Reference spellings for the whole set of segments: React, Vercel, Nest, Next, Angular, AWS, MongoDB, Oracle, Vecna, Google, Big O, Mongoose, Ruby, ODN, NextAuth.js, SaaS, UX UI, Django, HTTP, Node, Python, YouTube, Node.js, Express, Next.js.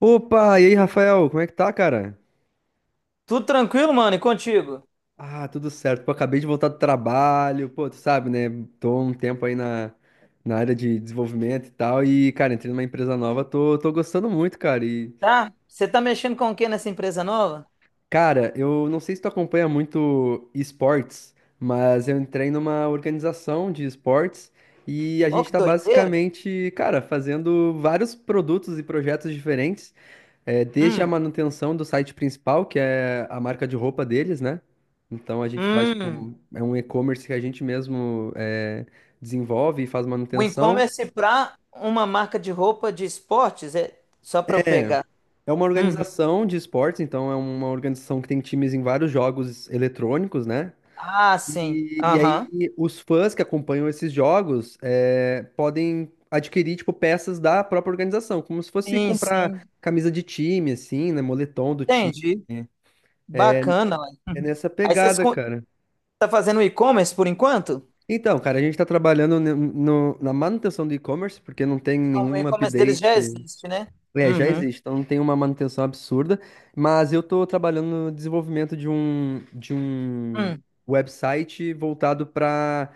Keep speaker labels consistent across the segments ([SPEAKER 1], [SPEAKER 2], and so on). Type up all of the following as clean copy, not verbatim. [SPEAKER 1] Opa, e aí, Rafael, como é que tá, cara?
[SPEAKER 2] Tudo tranquilo, mano, e contigo?
[SPEAKER 1] Ah, tudo certo. Pô, acabei de voltar do trabalho. Pô, tu sabe, né? Tô um tempo aí na área de desenvolvimento e tal. E, cara, entrei numa empresa nova, tô gostando muito, cara. E,
[SPEAKER 2] Tá? Você tá mexendo com o que nessa empresa nova?
[SPEAKER 1] cara, eu não sei se tu acompanha muito esportes, mas eu entrei numa organização de esportes e a
[SPEAKER 2] Ó,
[SPEAKER 1] gente
[SPEAKER 2] que
[SPEAKER 1] tá
[SPEAKER 2] doideira!
[SPEAKER 1] basicamente, cara, fazendo vários produtos e projetos diferentes. É, desde a
[SPEAKER 2] Hum,
[SPEAKER 1] manutenção do site principal, que é a marca de roupa deles, né? Então a gente faz, tipo,
[SPEAKER 2] hum.
[SPEAKER 1] é um e-commerce que a gente mesmo desenvolve e faz
[SPEAKER 2] O
[SPEAKER 1] manutenção.
[SPEAKER 2] e-commerce pra uma marca de roupa de esportes? É só pra eu
[SPEAKER 1] É,
[SPEAKER 2] pegar.
[SPEAKER 1] é uma
[SPEAKER 2] Uhum.
[SPEAKER 1] organização de esportes, então é uma organização que tem times em vários jogos eletrônicos, né?
[SPEAKER 2] Ah, sim.
[SPEAKER 1] E
[SPEAKER 2] Aham.
[SPEAKER 1] aí os fãs que acompanham esses jogos podem adquirir, tipo, peças da própria organização, como se fosse
[SPEAKER 2] Sim,
[SPEAKER 1] comprar
[SPEAKER 2] sim.
[SPEAKER 1] camisa de time, assim, né? Moletom do time.
[SPEAKER 2] Entendi. Bacana, ué.
[SPEAKER 1] É
[SPEAKER 2] Uhum.
[SPEAKER 1] nessa
[SPEAKER 2] Aí vocês
[SPEAKER 1] pegada, cara.
[SPEAKER 2] tá fazendo e-commerce por enquanto?
[SPEAKER 1] Então, cara, a gente está trabalhando na manutenção do e-commerce, porque não tem
[SPEAKER 2] Ah, o
[SPEAKER 1] nenhum
[SPEAKER 2] e-commerce deles
[SPEAKER 1] update,
[SPEAKER 2] já existe, né?
[SPEAKER 1] é, já
[SPEAKER 2] Uhum.
[SPEAKER 1] existe, então não tem uma manutenção absurda, mas eu estou trabalhando no desenvolvimento de um
[SPEAKER 2] Hum.
[SPEAKER 1] website voltado para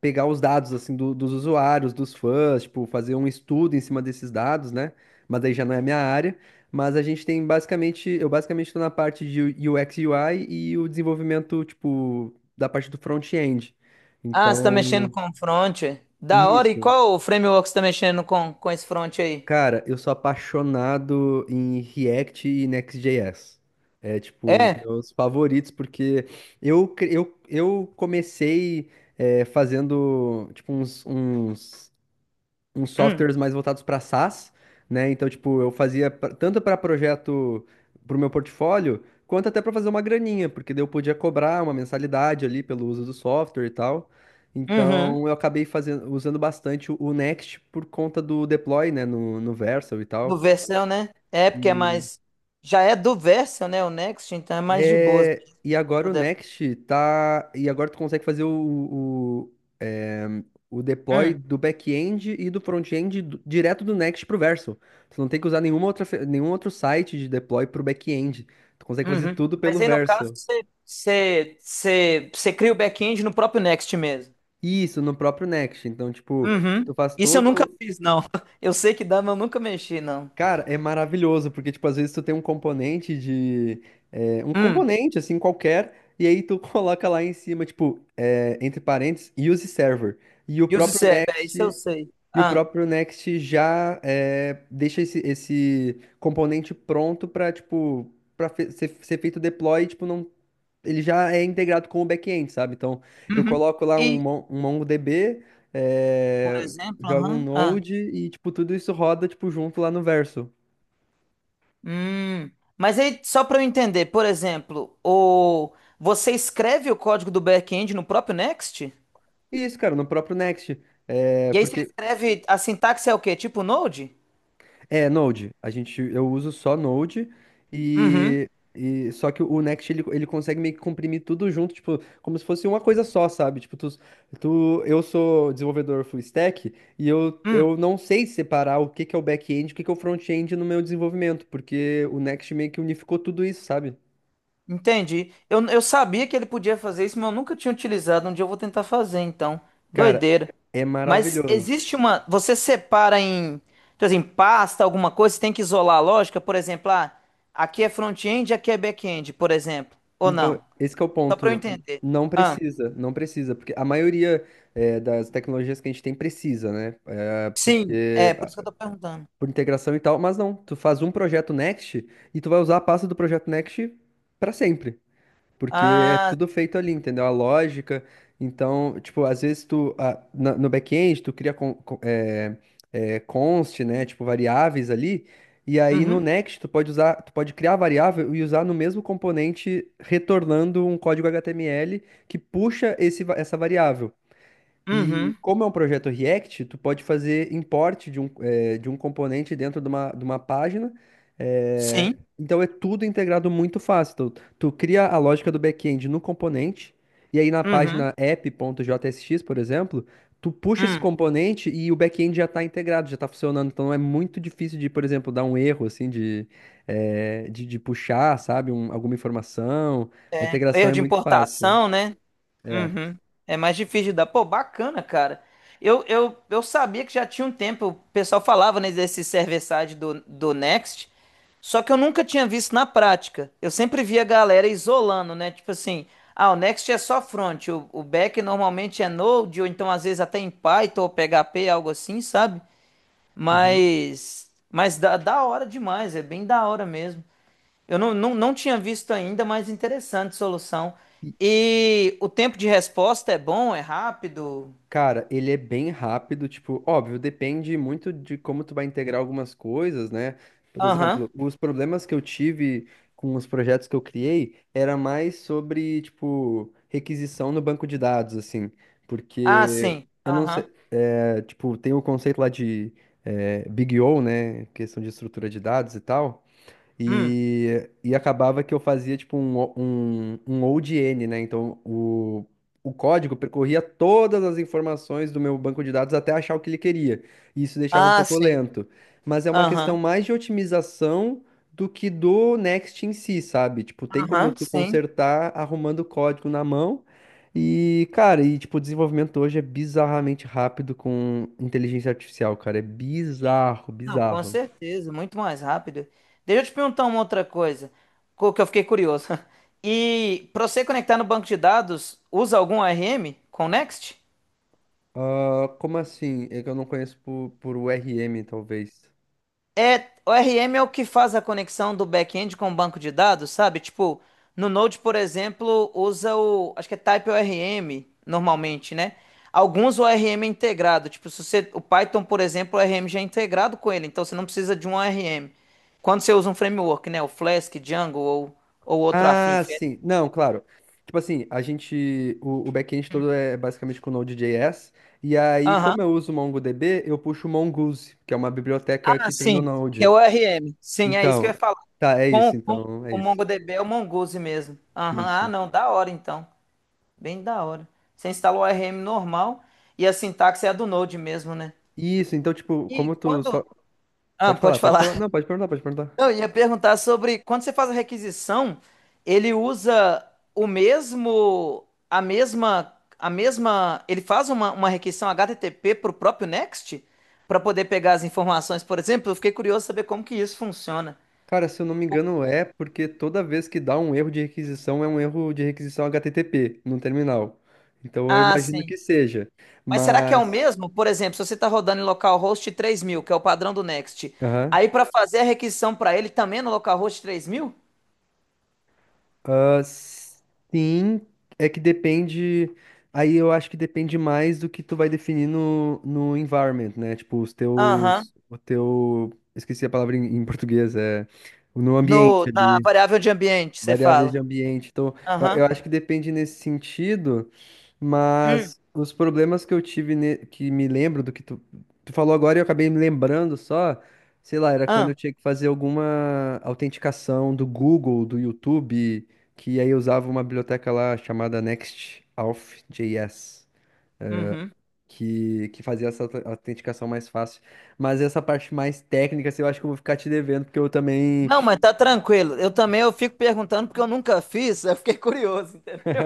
[SPEAKER 1] pegar os dados assim dos usuários, dos fãs, tipo, fazer um estudo em cima desses dados, né? Mas daí já não é minha área. Mas a gente tem basicamente, eu basicamente estou na parte de UX UI e U I e o desenvolvimento, tipo, da parte do front-end.
[SPEAKER 2] Ah, você tá mexendo
[SPEAKER 1] Então,
[SPEAKER 2] com front, é? Da hora. E
[SPEAKER 1] isso.
[SPEAKER 2] qual framework você tá mexendo com esse front aí?
[SPEAKER 1] Cara, eu sou apaixonado em React e Next.js. É tipo os
[SPEAKER 2] É?
[SPEAKER 1] meus favoritos, porque eu comecei fazendo tipo uns
[SPEAKER 2] Hum,
[SPEAKER 1] softwares mais voltados para SaaS, né? Então, tipo, eu fazia pra- tanto para projeto para o meu portfólio, quanto até para fazer uma graninha, porque daí eu podia cobrar uma mensalidade ali pelo uso do software e tal.
[SPEAKER 2] uhum.
[SPEAKER 1] Então, eu acabei fazendo, usando bastante o Next por conta do deploy, né, no Vercel e
[SPEAKER 2] Do
[SPEAKER 1] tal.
[SPEAKER 2] Vercel, né? É, porque é
[SPEAKER 1] E
[SPEAKER 2] mais. Já é do Vercel, né? O Next, então é mais de boas.
[SPEAKER 1] e agora o Next tá. E agora tu consegue fazer é, o deploy
[SPEAKER 2] Hum,
[SPEAKER 1] do back-end e do front-end direto do Next pro Verso. Tu não tem que usar nenhum outro site de deploy pro back-end. Tu consegue fazer
[SPEAKER 2] uhum.
[SPEAKER 1] tudo pelo
[SPEAKER 2] Mas aí, no caso,
[SPEAKER 1] Verso.
[SPEAKER 2] você cria o back-end no próprio Next mesmo.
[SPEAKER 1] Isso, no próprio Next. Então, tipo,
[SPEAKER 2] Uhum.
[SPEAKER 1] tu faz
[SPEAKER 2] Isso eu nunca
[SPEAKER 1] todo.
[SPEAKER 2] fiz, não. Eu sei que dá, mas eu nunca mexi, não.
[SPEAKER 1] Cara, é maravilhoso, porque, tipo, às vezes tu tem um componente de... é, um
[SPEAKER 2] Hum.
[SPEAKER 1] componente, assim, qualquer, e aí tu coloca lá em cima, tipo, é, entre parênteses, use server. E o
[SPEAKER 2] E os
[SPEAKER 1] próprio
[SPEAKER 2] serve, é, isso eu
[SPEAKER 1] Next,
[SPEAKER 2] sei.
[SPEAKER 1] e o
[SPEAKER 2] Ah.
[SPEAKER 1] próprio Next já deixa esse componente pronto pra ser feito o deploy, tipo, não... Ele já é integrado com o back-end, sabe? Então, eu
[SPEAKER 2] Uhum.
[SPEAKER 1] coloco lá um,
[SPEAKER 2] E,
[SPEAKER 1] Mon- um MongoDB,
[SPEAKER 2] por
[SPEAKER 1] é,
[SPEAKER 2] exemplo,
[SPEAKER 1] jogo um
[SPEAKER 2] aham, ah.
[SPEAKER 1] Node e, tipo, tudo isso roda, tipo, junto lá no Verso.
[SPEAKER 2] Hum, mas aí, só para eu entender, por exemplo, você escreve o código do back-end no próprio Next?
[SPEAKER 1] Isso, cara, no próprio Next. É,
[SPEAKER 2] E aí você
[SPEAKER 1] porque
[SPEAKER 2] escreve, a sintaxe é o quê? Tipo Node?
[SPEAKER 1] é Node. A gente, eu uso só Node
[SPEAKER 2] Uhum,
[SPEAKER 1] e, e só que o Next ele, ele consegue meio que comprimir tudo junto, tipo, como se fosse uma coisa só, sabe? Tipo, eu sou desenvolvedor full stack e eu,
[SPEAKER 2] hum,
[SPEAKER 1] eu não sei separar o que que é o back-end, e o que que é o front-end no meu desenvolvimento, porque o Next meio que unificou tudo isso, sabe?
[SPEAKER 2] entendi. Eu sabia que ele podia fazer isso, mas eu nunca tinha utilizado. Um dia eu vou tentar fazer, então.
[SPEAKER 1] Cara,
[SPEAKER 2] Doideira.
[SPEAKER 1] é
[SPEAKER 2] Mas
[SPEAKER 1] maravilhoso.
[SPEAKER 2] existe uma. Você separa em, tipo assim, pasta, alguma coisa, você tem que isolar a lógica, por exemplo, ah, aqui é front-end, aqui é back-end, por exemplo. Ou
[SPEAKER 1] Então,
[SPEAKER 2] não?
[SPEAKER 1] esse que é o
[SPEAKER 2] Só para eu
[SPEAKER 1] ponto.
[SPEAKER 2] entender.
[SPEAKER 1] Não precisa, não precisa, porque a maioria das tecnologias que a gente tem precisa, né? Eh,
[SPEAKER 2] Sim, é
[SPEAKER 1] porque
[SPEAKER 2] por
[SPEAKER 1] ah,
[SPEAKER 2] isso que eu tô perguntando.
[SPEAKER 1] por integração e tal, mas não, tu faz um projeto Next e tu vai usar a pasta do projeto Next para sempre. Porque é
[SPEAKER 2] Ah,
[SPEAKER 1] tudo feito ali, entendeu? A lógica. Então, tipo, às vezes tu, ah, no back-end, tu cria const, né? Tipo, variáveis ali. E aí no
[SPEAKER 2] uhum,
[SPEAKER 1] next, tu pode usar, tu pode criar a variável e usar no mesmo componente, retornando um código HTML que puxa esse, essa variável. E
[SPEAKER 2] uhum,
[SPEAKER 1] como é um projeto React, tu pode fazer import de um componente dentro de uma página. eh,
[SPEAKER 2] sim,
[SPEAKER 1] então é tudo integrado muito fácil. Tu, tu cria a lógica do back-end no componente, e aí na
[SPEAKER 2] uhum,
[SPEAKER 1] página app.jsx, por exemplo, tu puxa esse
[SPEAKER 2] hum.
[SPEAKER 1] componente e o back-end já está integrado, já está funcionando. Então é muito difícil de, por exemplo, dar um erro assim de puxar, sabe, alguma informação. A integração
[SPEAKER 2] Erro
[SPEAKER 1] é
[SPEAKER 2] de
[SPEAKER 1] muito fácil.
[SPEAKER 2] importação, né?
[SPEAKER 1] É.
[SPEAKER 2] Uhum. É mais difícil de dar. Pô, bacana, cara. Eu sabia que já tinha um tempo, o pessoal falava, né, desse server-side do Next, só que eu nunca tinha visto na prática. Eu sempre via a galera isolando, né? Tipo assim, ah, o Next é só front, o back normalmente é Node, ou então às vezes até em Python ou PHP, algo assim, sabe?
[SPEAKER 1] Uhum.
[SPEAKER 2] Mas da hora demais, é bem da hora mesmo. Eu não tinha visto ainda, mas interessante solução. E o tempo de resposta é bom, é rápido?
[SPEAKER 1] Cara, ele é bem rápido, tipo, óbvio, depende muito de como tu vai integrar algumas coisas, né? Por
[SPEAKER 2] Aham.
[SPEAKER 1] exemplo, os problemas que eu tive com os projetos que eu criei era mais sobre, tipo, requisição no banco de dados, assim,
[SPEAKER 2] Ah,
[SPEAKER 1] porque
[SPEAKER 2] sim.
[SPEAKER 1] eu não
[SPEAKER 2] Aham.
[SPEAKER 1] sei, tipo, tem o conceito lá de Big O, né? Questão de estrutura de dados e tal.
[SPEAKER 2] Hum.
[SPEAKER 1] E acabava que eu fazia tipo um ODN, né? Então o código percorria todas as informações do meu banco de dados até achar o que ele queria. E isso deixava um
[SPEAKER 2] Ah,
[SPEAKER 1] pouco
[SPEAKER 2] sim.
[SPEAKER 1] lento. Mas é uma questão
[SPEAKER 2] Aham.
[SPEAKER 1] mais de otimização do que do Next em si, sabe? Tipo, tem como
[SPEAKER 2] Aham,
[SPEAKER 1] tu
[SPEAKER 2] sim.
[SPEAKER 1] consertar arrumando o código na mão. E, cara, e tipo, o desenvolvimento hoje é bizarramente rápido com inteligência artificial, cara. É bizarro,
[SPEAKER 2] Não, com
[SPEAKER 1] bizarro.
[SPEAKER 2] certeza, muito mais rápido. Deixa eu te perguntar uma outra coisa, que eu fiquei curioso. E para você conectar no banco de dados, usa algum ARM com Next?
[SPEAKER 1] Ah, como assim? É que eu não conheço por URM, talvez.
[SPEAKER 2] É, o RM é o que faz a conexão do back-end com o banco de dados, sabe? Tipo, no Node, por exemplo, usa o, acho que é Type ORM normalmente, né? Alguns o ORM é integrado, tipo, se você, o Python, por exemplo, o ORM já é integrado com ele, então você não precisa de um ORM. Quando você usa um framework, né, o Flask, Django ou outro afim.
[SPEAKER 1] Ah, sim. Não, claro. Tipo assim, a gente. O back-end todo é basicamente com Node.js. E aí, como
[SPEAKER 2] Aham.
[SPEAKER 1] eu uso MongoDB, eu puxo o Mongoose, que é uma biblioteca
[SPEAKER 2] Ah,
[SPEAKER 1] que tem no
[SPEAKER 2] sim, que é o
[SPEAKER 1] Node.
[SPEAKER 2] ORM. Sim, é isso que eu ia
[SPEAKER 1] Então,
[SPEAKER 2] falar.
[SPEAKER 1] tá, é
[SPEAKER 2] Com,
[SPEAKER 1] isso,
[SPEAKER 2] com
[SPEAKER 1] então, é
[SPEAKER 2] o
[SPEAKER 1] isso.
[SPEAKER 2] MongoDB é o Mongoose mesmo. Aham, ah,
[SPEAKER 1] Isso.
[SPEAKER 2] não, da hora então. Bem da hora. Você instala o RM normal e a sintaxe é a do Node mesmo, né?
[SPEAKER 1] Isso, então, tipo,
[SPEAKER 2] E
[SPEAKER 1] como tu só.
[SPEAKER 2] quando. Ah,
[SPEAKER 1] Pode falar,
[SPEAKER 2] pode
[SPEAKER 1] pode
[SPEAKER 2] falar.
[SPEAKER 1] falar. Não, pode perguntar, pode perguntar.
[SPEAKER 2] Eu ia perguntar sobre quando você faz a requisição, ele usa o mesmo, a mesma, ele faz uma requisição HTTP para o próprio Next para poder pegar as informações, por exemplo. Eu fiquei curioso saber como que isso funciona.
[SPEAKER 1] Cara, se eu não me engano, é porque toda vez que dá um erro de requisição, é um erro de requisição HTTP no terminal. Então eu
[SPEAKER 2] Ah,
[SPEAKER 1] imagino
[SPEAKER 2] sim.
[SPEAKER 1] que seja.
[SPEAKER 2] Mas será que é o
[SPEAKER 1] Mas.
[SPEAKER 2] mesmo? Por exemplo, se você está rodando em localhost 3000, que é o padrão do Next,
[SPEAKER 1] Aham.
[SPEAKER 2] aí para fazer a requisição para ele também é no localhost 3000?
[SPEAKER 1] Ah, sim, é que depende. Aí eu acho que depende mais do que tu vai definir no environment, né? Tipo, os
[SPEAKER 2] Aham.
[SPEAKER 1] teus. O teu. Esqueci a palavra em português, é. No
[SPEAKER 2] No,
[SPEAKER 1] ambiente
[SPEAKER 2] na
[SPEAKER 1] ali.
[SPEAKER 2] variável de ambiente, você
[SPEAKER 1] Variáveis de
[SPEAKER 2] fala.
[SPEAKER 1] ambiente. Então, eu,
[SPEAKER 2] Aham.
[SPEAKER 1] eu acho que depende nesse sentido,
[SPEAKER 2] Hum.
[SPEAKER 1] mas os problemas que eu tive, que me lembro do que tu falou agora, e eu acabei me lembrando só, sei lá, era quando
[SPEAKER 2] Ah,
[SPEAKER 1] eu tinha que fazer alguma autenticação do Google, do YouTube, que aí eu usava uma biblioteca lá chamada Next Auth NextAuth.js.
[SPEAKER 2] uhum.
[SPEAKER 1] Que fazia essa autenticação mais fácil. Mas essa parte mais técnica, assim, eu acho que eu vou ficar te devendo, porque eu também.
[SPEAKER 2] Não, mas tá tranquilo. Eu também eu fico perguntando porque eu nunca fiz, eu fiquei curioso, entendeu?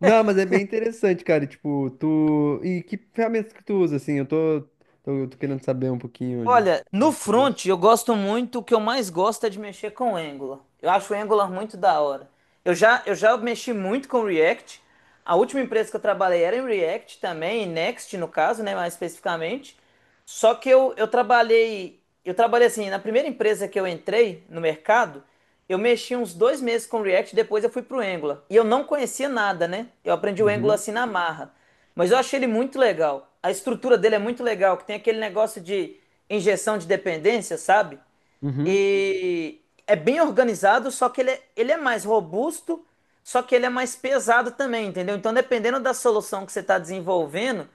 [SPEAKER 1] Não, mas é bem interessante, cara. E, tipo, tu. E que ferramentas que tu usa, assim? Eu tô querendo saber um pouquinho
[SPEAKER 2] Olha, no
[SPEAKER 1] que eu uso.
[SPEAKER 2] front eu gosto muito, o que eu mais gosto é de mexer com o Angular. Eu acho o Angular muito da hora. Eu já mexi muito com React. A última empresa que eu trabalhei era em React também, em Next no caso, né, mais especificamente. Só que eu trabalhei, eu trabalhei, assim, na primeira empresa que eu entrei no mercado, eu mexi uns 2 meses com React, depois eu fui pro Angular. E eu não conhecia nada, né? Eu aprendi o Angular
[SPEAKER 1] Uhum.
[SPEAKER 2] assim na marra. Mas eu achei ele muito legal. A estrutura dele é muito legal, que tem aquele negócio de injeção de dependência, sabe?
[SPEAKER 1] Uhum.
[SPEAKER 2] E é bem organizado, só que ele é mais robusto, só que ele é mais pesado também, entendeu? Então, dependendo da solução que você está desenvolvendo,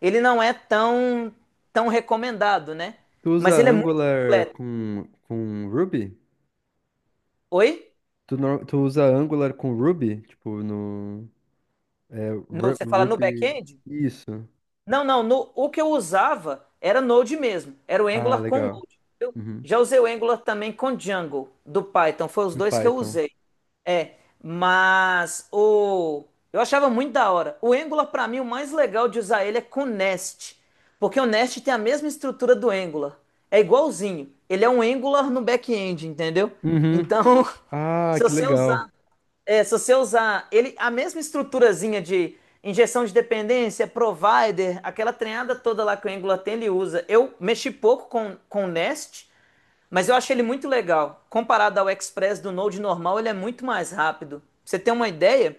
[SPEAKER 2] ele não é tão, tão recomendado, né?
[SPEAKER 1] Tu usa
[SPEAKER 2] Mas ele é muito
[SPEAKER 1] Angular
[SPEAKER 2] completo.
[SPEAKER 1] com Ruby?
[SPEAKER 2] Oi?
[SPEAKER 1] Tu, nor- tu usa Angular com Ruby? Tipo, no. É,
[SPEAKER 2] No- você fala no
[SPEAKER 1] Ruby.
[SPEAKER 2] back-end?
[SPEAKER 1] Isso.
[SPEAKER 2] Não, não. O que eu usava era Node mesmo. Era o
[SPEAKER 1] Ah,
[SPEAKER 2] Angular com
[SPEAKER 1] legal.
[SPEAKER 2] Node. Eu
[SPEAKER 1] Uhum.
[SPEAKER 2] já usei o Angular também com Django do Python. Foi os
[SPEAKER 1] Do
[SPEAKER 2] dois que eu
[SPEAKER 1] Python.
[SPEAKER 2] usei. É, mas o eu achava muito da hora. O Angular pra mim o mais legal de usar ele é com Nest, porque o Nest tem a mesma estrutura do Angular. É igualzinho. Ele é um Angular no back-end, entendeu?
[SPEAKER 1] Uhum.
[SPEAKER 2] Então,
[SPEAKER 1] Ah,
[SPEAKER 2] se
[SPEAKER 1] que
[SPEAKER 2] você
[SPEAKER 1] legal.
[SPEAKER 2] usar se você usar ele, a mesma estruturazinha de injeção de dependência, provider, aquela treinada toda lá que o Angular tem, ele usa. Eu mexi pouco com o Nest, mas eu achei ele muito legal. Comparado ao Express do Node normal, ele é muito mais rápido. Pra você ter uma ideia,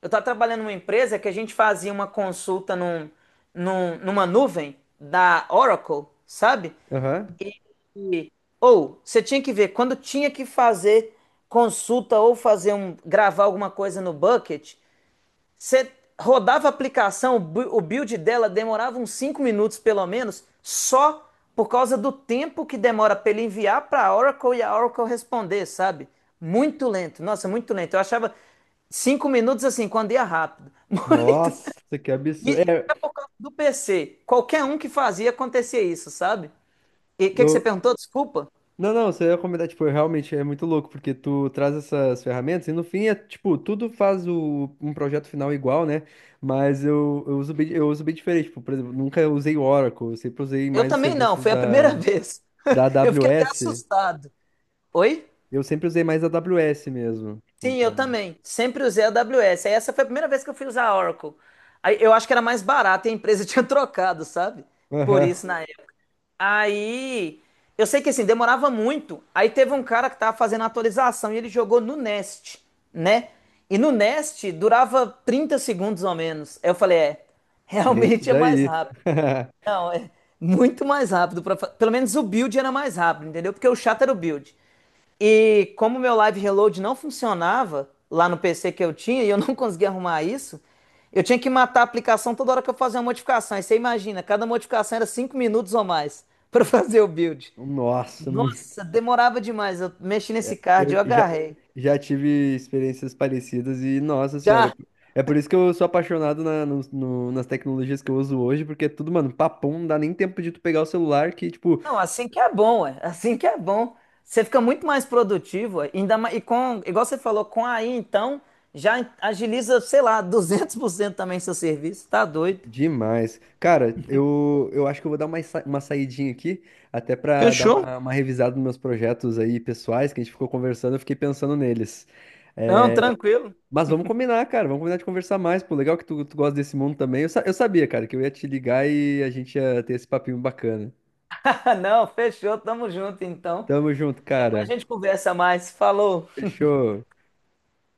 [SPEAKER 2] eu estava trabalhando numa empresa que a gente fazia uma consulta numa nuvem da Oracle, sabe?
[SPEAKER 1] Aham.
[SPEAKER 2] E, ou você tinha que ver quando tinha que fazer consulta ou fazer um gravar alguma coisa no bucket, você rodava a aplicação, o build dela demorava uns 5 minutos pelo menos, só por causa do tempo que demora para ele enviar para a Oracle e a Oracle responder, sabe? Muito lento. Nossa, muito lento. Eu achava 5 minutos assim, quando ia rápido. Muito.
[SPEAKER 1] Nossa, que absurdo.
[SPEAKER 2] E do PC, qualquer um que fazia acontecia isso, sabe? E o que que você
[SPEAKER 1] Eu,
[SPEAKER 2] perguntou? Desculpa.
[SPEAKER 1] Não, não, você ia comentar, tipo, realmente é muito louco, porque tu traz essas ferramentas e no fim é, tipo, tudo faz o, um projeto final igual, né? Mas eu uso bem diferente, tipo, por exemplo, nunca usei o Oracle, eu sempre usei
[SPEAKER 2] Eu
[SPEAKER 1] mais os
[SPEAKER 2] também não,
[SPEAKER 1] serviços
[SPEAKER 2] foi a
[SPEAKER 1] da,
[SPEAKER 2] primeira vez.
[SPEAKER 1] da
[SPEAKER 2] Eu fiquei até
[SPEAKER 1] AWS,
[SPEAKER 2] assustado. Oi?
[SPEAKER 1] eu sempre usei mais a AWS mesmo, tipo,
[SPEAKER 2] Sim, eu
[SPEAKER 1] pra...
[SPEAKER 2] também. Sempre usei a AWS. Aí essa foi a primeira vez que eu fui usar a Oracle. Aí eu acho que era mais barato e a empresa tinha trocado, sabe? Por
[SPEAKER 1] Aham,
[SPEAKER 2] isso na época. Aí eu sei que assim, demorava muito. Aí teve um cara que tava fazendo a atualização e ele jogou no Nest, né? E no Nest durava 30 segundos ou menos. Aí eu falei, é,
[SPEAKER 1] é isso
[SPEAKER 2] realmente é mais
[SPEAKER 1] daí.
[SPEAKER 2] rápido. Não, é muito mais rápido. Pelo menos o build era mais rápido, entendeu? Porque o chato era o build. E como meu Live Reload não funcionava lá no PC que eu tinha e eu não conseguia arrumar isso, eu tinha que matar a aplicação toda hora que eu fazia uma modificação. Aí você imagina, cada modificação era 5 minutos ou mais para fazer o build.
[SPEAKER 1] Nossa,
[SPEAKER 2] Nossa, demorava demais. Eu mexi nesse card, eu
[SPEAKER 1] Eu já,
[SPEAKER 2] agarrei.
[SPEAKER 1] já tive experiências parecidas e, nossa senhora,
[SPEAKER 2] Já,
[SPEAKER 1] é por isso que eu sou apaixonado nas tecnologias que eu uso hoje, porque é tudo, mano, papum, não dá nem tempo de tu pegar o celular, que, tipo,
[SPEAKER 2] não, assim que é bom, é. Assim que é bom. Você fica muito mais produtivo, ué, ainda mais, e com, igual você falou, com a AI, então, já agiliza, sei lá, 200% também seu serviço. Tá doido.
[SPEAKER 1] demais. Cara, eu acho que eu vou dar uma saidinha aqui, até pra dar
[SPEAKER 2] Fechou?
[SPEAKER 1] uma revisada nos meus projetos aí pessoais, que a gente ficou conversando, eu fiquei pensando neles.
[SPEAKER 2] Não, tranquilo.
[SPEAKER 1] Mas vamos combinar, cara, vamos combinar de conversar mais, pô, legal que tu gosta desse mundo também. Eu sabia, cara, que eu ia te ligar e a gente ia ter esse papinho bacana.
[SPEAKER 2] Ah, não, fechou, tamo junto então.
[SPEAKER 1] Tamo junto,
[SPEAKER 2] Depois a
[SPEAKER 1] cara.
[SPEAKER 2] gente conversa mais. Falou.
[SPEAKER 1] Fechou.